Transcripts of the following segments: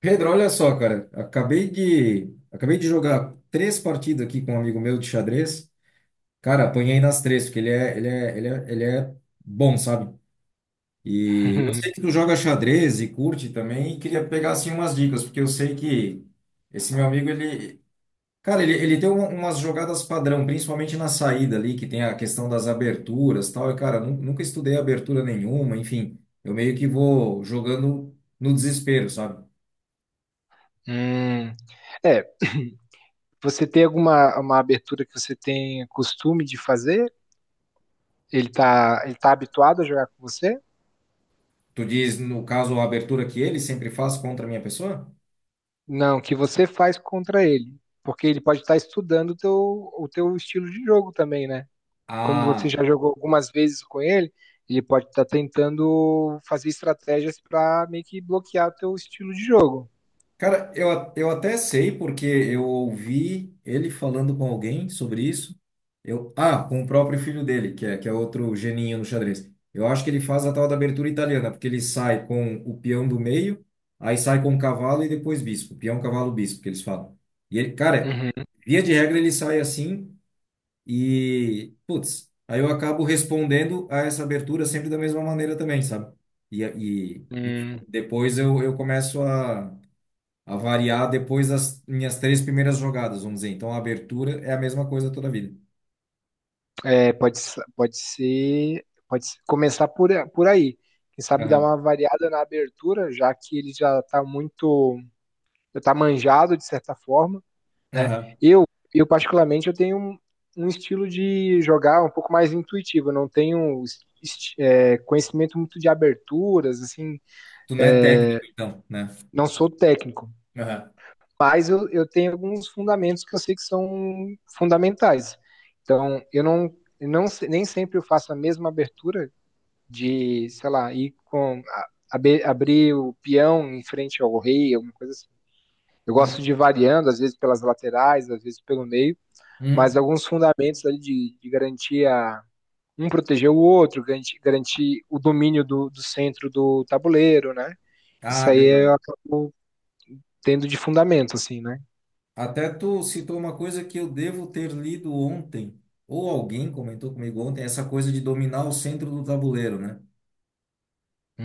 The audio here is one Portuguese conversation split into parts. Pedro, olha só, cara, acabei de jogar três partidas aqui com um amigo meu de xadrez. Cara, apanhei nas três, porque ele é bom, sabe? E eu sei que tu joga xadrez e curte também, e queria pegar assim umas dicas, porque eu sei que esse meu amigo ele Cara, ele tem umas jogadas padrão, principalmente na saída ali, que tem a questão das aberturas e tal. E, cara, nunca estudei abertura nenhuma, enfim, eu meio que vou jogando no desespero, sabe? Hum. É, você tem alguma uma abertura que você tem costume de fazer? Ele tá habituado a jogar com você? Tu diz, no caso, a abertura que ele sempre faz contra a minha pessoa? Não, que você faz contra ele, porque ele pode estar estudando o teu estilo de jogo também, né? Como você Ah, já jogou algumas vezes com ele, ele pode estar tentando fazer estratégias para meio que bloquear o teu estilo de jogo. cara, eu até sei porque eu ouvi ele falando com alguém sobre isso. Com o próprio filho dele, que é outro geninho no xadrez. Eu acho que ele faz a tal da abertura italiana, porque ele sai com o peão do meio, aí sai com o cavalo e depois bispo. Peão, cavalo, bispo, que eles falam. E ele, cara, via de regra ele sai assim. E, putz, aí eu acabo respondendo a essa abertura sempre da mesma maneira também, sabe? E enfim, Uhum. depois eu começo a variar depois das minhas três primeiras jogadas, vamos dizer. Então a abertura é a mesma coisa toda a vida. É, pode, pode ser, pode se- começar por aí. Quem sabe dar Aham, uma variada na abertura, já que ele já está muito, já está manjado de certa forma, né? aham. Eu, eu particularmente, eu tenho um estilo de jogar um pouco mais intuitivo. Eu não tenho conhecimento muito de aberturas, assim, Tu não é técnico, então, né? não sou técnico, Aham. mas eu tenho alguns fundamentos que eu sei que são fundamentais. Então, eu nem sempre eu faço a mesma abertura de, sei lá, ir com abrir o peão em frente ao rei, alguma coisa assim. Eu gosto de ir Uhum. variando, às vezes pelas laterais, às vezes pelo meio, mas Uhum. alguns fundamentos ali de garantir um proteger o outro, garantir o domínio do, do centro do tabuleiro, né? Isso Ah, aí verdade. eu acabo tendo de fundamento, assim, né? Até tu citou uma coisa que eu devo ter lido ontem, ou alguém comentou comigo ontem, essa coisa de dominar o centro do tabuleiro, né?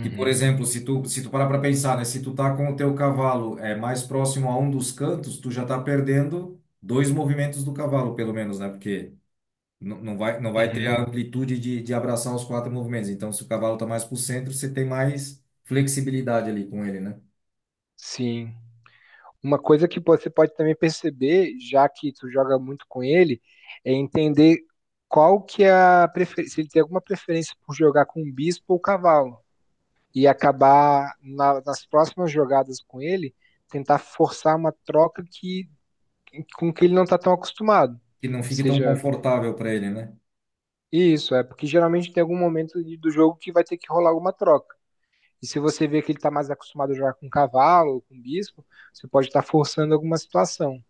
Que, por exemplo, se tu parar para pensar, né? Se tu tá com o teu cavalo é mais próximo a um dos cantos, tu já tá perdendo dois movimentos do cavalo, pelo menos, né? Porque não vai ter uhum, a amplitude de abraçar os quatro movimentos. Então, se o cavalo tá mais pro centro, você tem mais flexibilidade ali com ele, né? sim. Uma coisa que você pode também perceber, já que tu joga muito com ele, é entender qual que é a preferência, se ele tem alguma preferência por jogar com um bispo ou cavalo, e acabar nas próximas jogadas com ele, tentar forçar uma troca que com que ele não está tão acostumado. Que não fique tão Seja confortável para ele, né? isso, é porque geralmente tem algum momento do jogo que vai ter que rolar alguma troca. E se você vê que ele está mais acostumado a jogar com cavalo ou com bispo, você pode estar forçando alguma situação,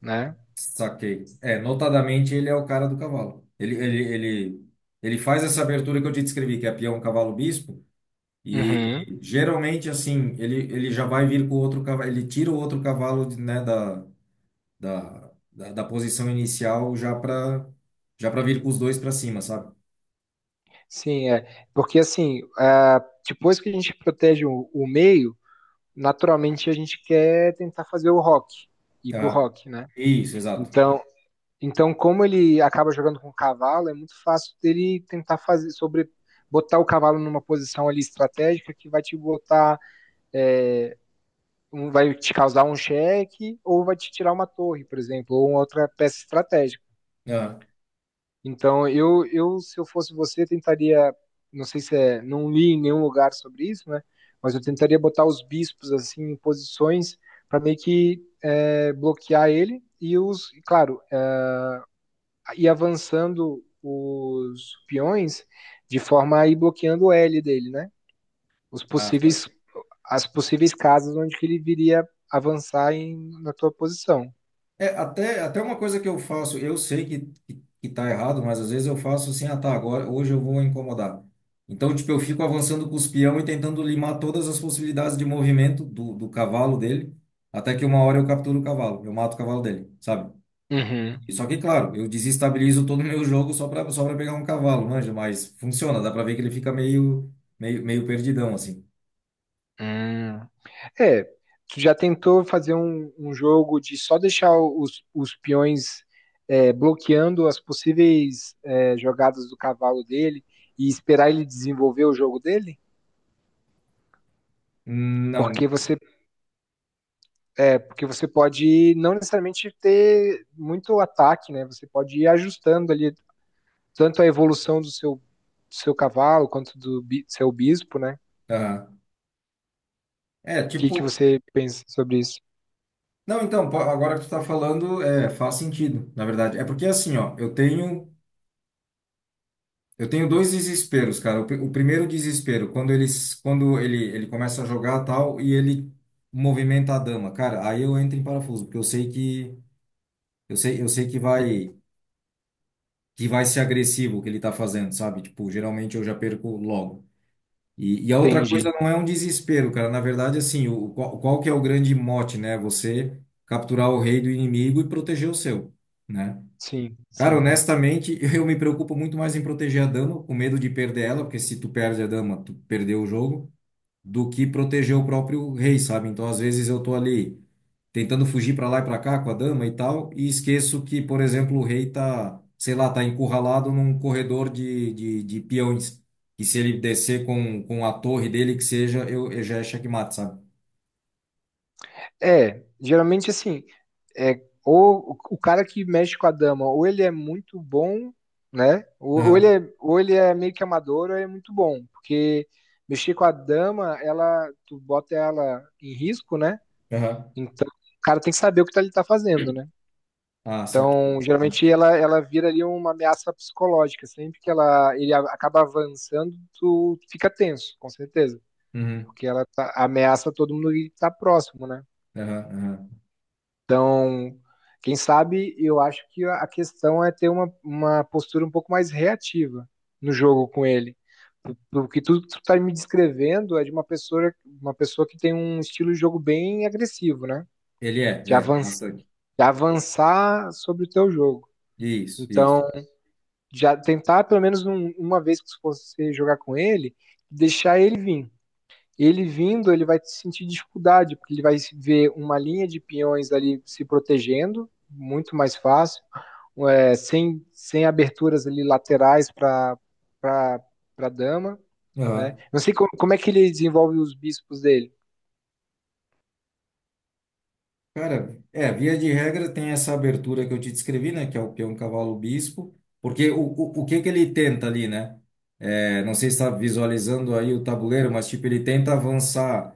né? Saquei. É, notadamente ele é o cara do cavalo. Ele faz essa abertura que eu te descrevi, que é peão, cavalo, bispo. E Uhum. geralmente, assim, ele já vai vir com outro cavalo, ele tira o outro cavalo, de- né, da posição inicial já para já para vir com os dois para cima, sabe? Sim, é. Porque assim, ah, depois que a gente protege o meio, naturalmente a gente quer tentar fazer o rock, ir pro Aham. rock, né? Isso, exato. Então, então como ele acaba jogando com o cavalo, é muito fácil dele tentar fazer sobre botar o cavalo numa posição ali estratégica que vai te botar, vai te causar um cheque ou vai te tirar uma torre, por exemplo, ou uma outra peça estratégica. Aham. Então, se eu fosse você, tentaria, não sei se é, não li em nenhum lugar sobre isso, né? Mas eu tentaria botar os bispos assim em posições para meio que é, bloquear ele e claro, é, ir avançando os peões de forma a ir bloqueando o L dele, né? Os Ah, possíveis, saquei. as possíveis casas onde que ele viria avançar em, na tua posição. É, até uma coisa que eu faço, eu sei que tá errado, mas às vezes eu faço assim, ah, tá, agora, hoje eu vou incomodar. Então, tipo, eu fico avançando com os peão e tentando limar todas as possibilidades de movimento do, do cavalo dele, até que uma hora eu capturo o cavalo, eu mato o cavalo dele, sabe? Uhum. Só que, claro, eu desestabilizo todo o meu jogo só para pegar um cavalo, manja, mas funciona, dá para ver que ele fica meio meio perdidão assim. Hum. É, tu já tentou fazer um jogo de só deixar os peões é, bloqueando as possíveis é, jogadas do cavalo dele e esperar ele desenvolver o jogo dele? Não, Porque você, é, porque você pode não necessariamente ter muito ataque, né? Você pode ir ajustando ali tanto a evolução do seu cavalo quanto do seu bispo, né? O aham. É, que, que tipo, você pensa sobre isso? não, então, agora que tu tá falando, é, faz sentido, na verdade. É porque assim, ó, eu tenho dois desesperos, cara. O, o primeiro desespero, quando ele começa a jogar tal e ele movimenta a dama, cara, aí eu entro em parafuso, porque eu sei que vai ser agressivo o que ele tá fazendo, sabe? Tipo, geralmente eu já perco logo. E a outra Entendi. coisa não é um desespero, cara. Na verdade, assim, qual que é o grande mote, né? Você capturar o rei do inimigo e proteger o seu, né? Sim, Cara, sim. honestamente, eu me preocupo muito mais em proteger a dama, com medo de perder ela, porque se tu perde a dama, tu perdeu o jogo, do que proteger o próprio rei, sabe? Então, às vezes eu tô ali tentando fugir para lá e para cá com a dama e tal, e esqueço que, por exemplo, o rei tá, sei lá, tá encurralado num corredor de, de peões, e se ele descer com a torre dele, que seja, eu já é checkmate, sabe? É, geralmente assim, é, ou o cara que mexe com a dama, ou ele é muito bom, né? Aham, Ou ele é meio que amador, ou ele é muito bom, porque mexer com a dama, ela, tu bota ela em risco, né? aham. Então, o cara tem que saber o que ele tá fazendo, né? Ah, saquei. Então, geralmente ela, ela vira ali uma ameaça psicológica, sempre que ela ele acaba avançando, tu fica tenso, com certeza, Uhum, porque ela ameaça todo mundo que tá próximo, né? aham, aham. Então, quem sabe, eu acho que a questão é ter uma postura um pouco mais reativa no jogo com ele. O que tu tá me descrevendo é de uma pessoa que tem um estilo de jogo bem agressivo, né? Ele é, De é, avançar, bastante. de avançar sobre o teu jogo. Isso, isso. Então, já tentar pelo menos uma vez que você jogar com ele, deixar ele vir ele vindo, ele vai sentir dificuldade, porque ele vai ver uma linha de peões ali se protegendo, muito mais fácil, é, sem, sem aberturas ali laterais para a dama. Né? Aham. Não sei como, como é que ele desenvolve os bispos dele. Cara, é, via de regra tem essa abertura que eu te descrevi, né? Que é o peão, cavalo, bispo. Porque o que que ele tenta ali, né? É, não sei se está visualizando aí o tabuleiro, mas tipo, ele tenta avançar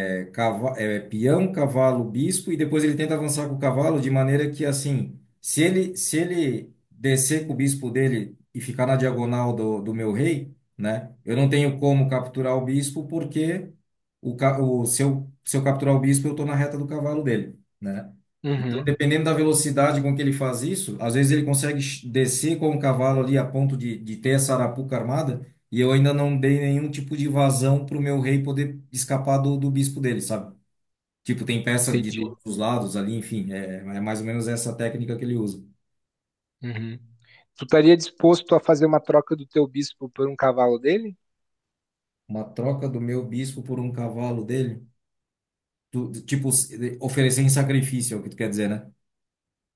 é, peão, cavalo, bispo, e depois ele tenta avançar com o cavalo de maneira que, assim, se ele descer com o bispo dele e ficar na diagonal do, do meu rei, né, eu não tenho como capturar o bispo porque o, ca- o, se eu, se eu capturar o bispo, eu estou na reta do cavalo dele, né? Então, Uhum, dependendo da velocidade com que ele faz isso, às vezes ele consegue descer com o cavalo ali a ponto de ter essa arapuca armada, e eu ainda não dei nenhum tipo de vazão para o meu rei poder escapar do, do bispo dele, sabe? Tipo, tem peça de entendi. todos os lados ali, enfim, é, é mais ou menos essa técnica que ele usa. Uhum. Tu estaria disposto a fazer uma troca do teu bispo por um cavalo dele? Uma troca do meu bispo por um cavalo dele, tipo, oferecer em sacrifício, é o que tu quer dizer, né?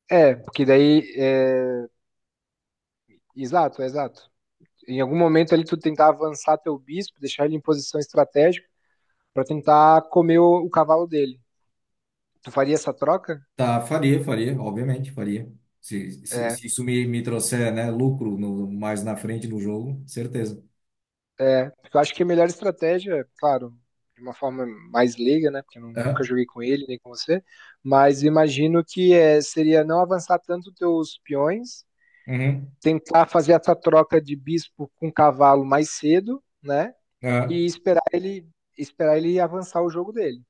É, porque daí. É... Exato, é exato. Em algum momento ali tu tentar avançar teu bispo, deixar ele em posição estratégica para tentar comer o cavalo dele. Tu faria essa troca? Tá, faria, faria, obviamente, faria. Se É, se isso me, me trouxer, né, lucro no, mais na frente no jogo, certeza. é. Porque eu acho que a melhor estratégia, claro, de uma forma mais leiga, né? Porque eu nunca Aham, joguei com ele nem com você, mas imagino que é, seria não avançar tanto teus peões, uhum, tentar fazer essa troca de bispo com um cavalo mais cedo, né? aham, E esperar ele avançar o jogo dele.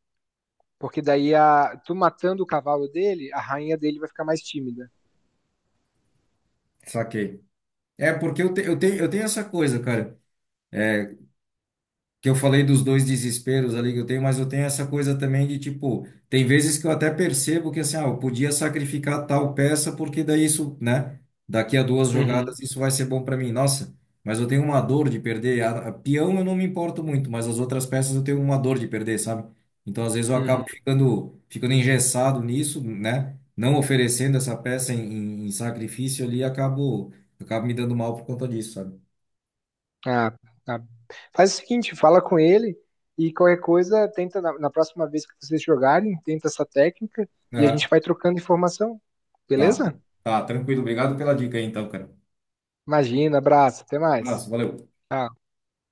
Porque daí a, tu matando o cavalo dele, a rainha dele vai ficar mais tímida. saquei. É, porque eu tenho essa coisa, cara, que eu falei dos dois desesperos ali que eu tenho, mas eu tenho essa coisa também de tipo, tem vezes que eu até percebo que assim, ah, eu podia sacrificar tal peça porque daí isso, né? Daqui a duas Uhum, jogadas isso vai ser bom para mim. Nossa, mas eu tenho uma dor de perder. A peão eu não me importo muito, mas as outras peças eu tenho uma dor de perder, sabe? Então às vezes eu acabo uhum. Ficando engessado nisso, né? Não oferecendo essa peça em, em sacrifício ali, acabo me dando mal por conta disso, sabe? Ah, tá. Faz o seguinte, fala com ele e qualquer coisa, tenta na, na próxima vez que vocês jogarem, tenta essa técnica e a gente vai trocando informação, Tá, tá, beleza? tá, tranquilo. Obrigado pela dica aí, então, cara. Imagina, abraço, até Um mais. abraço, valeu. Tchau.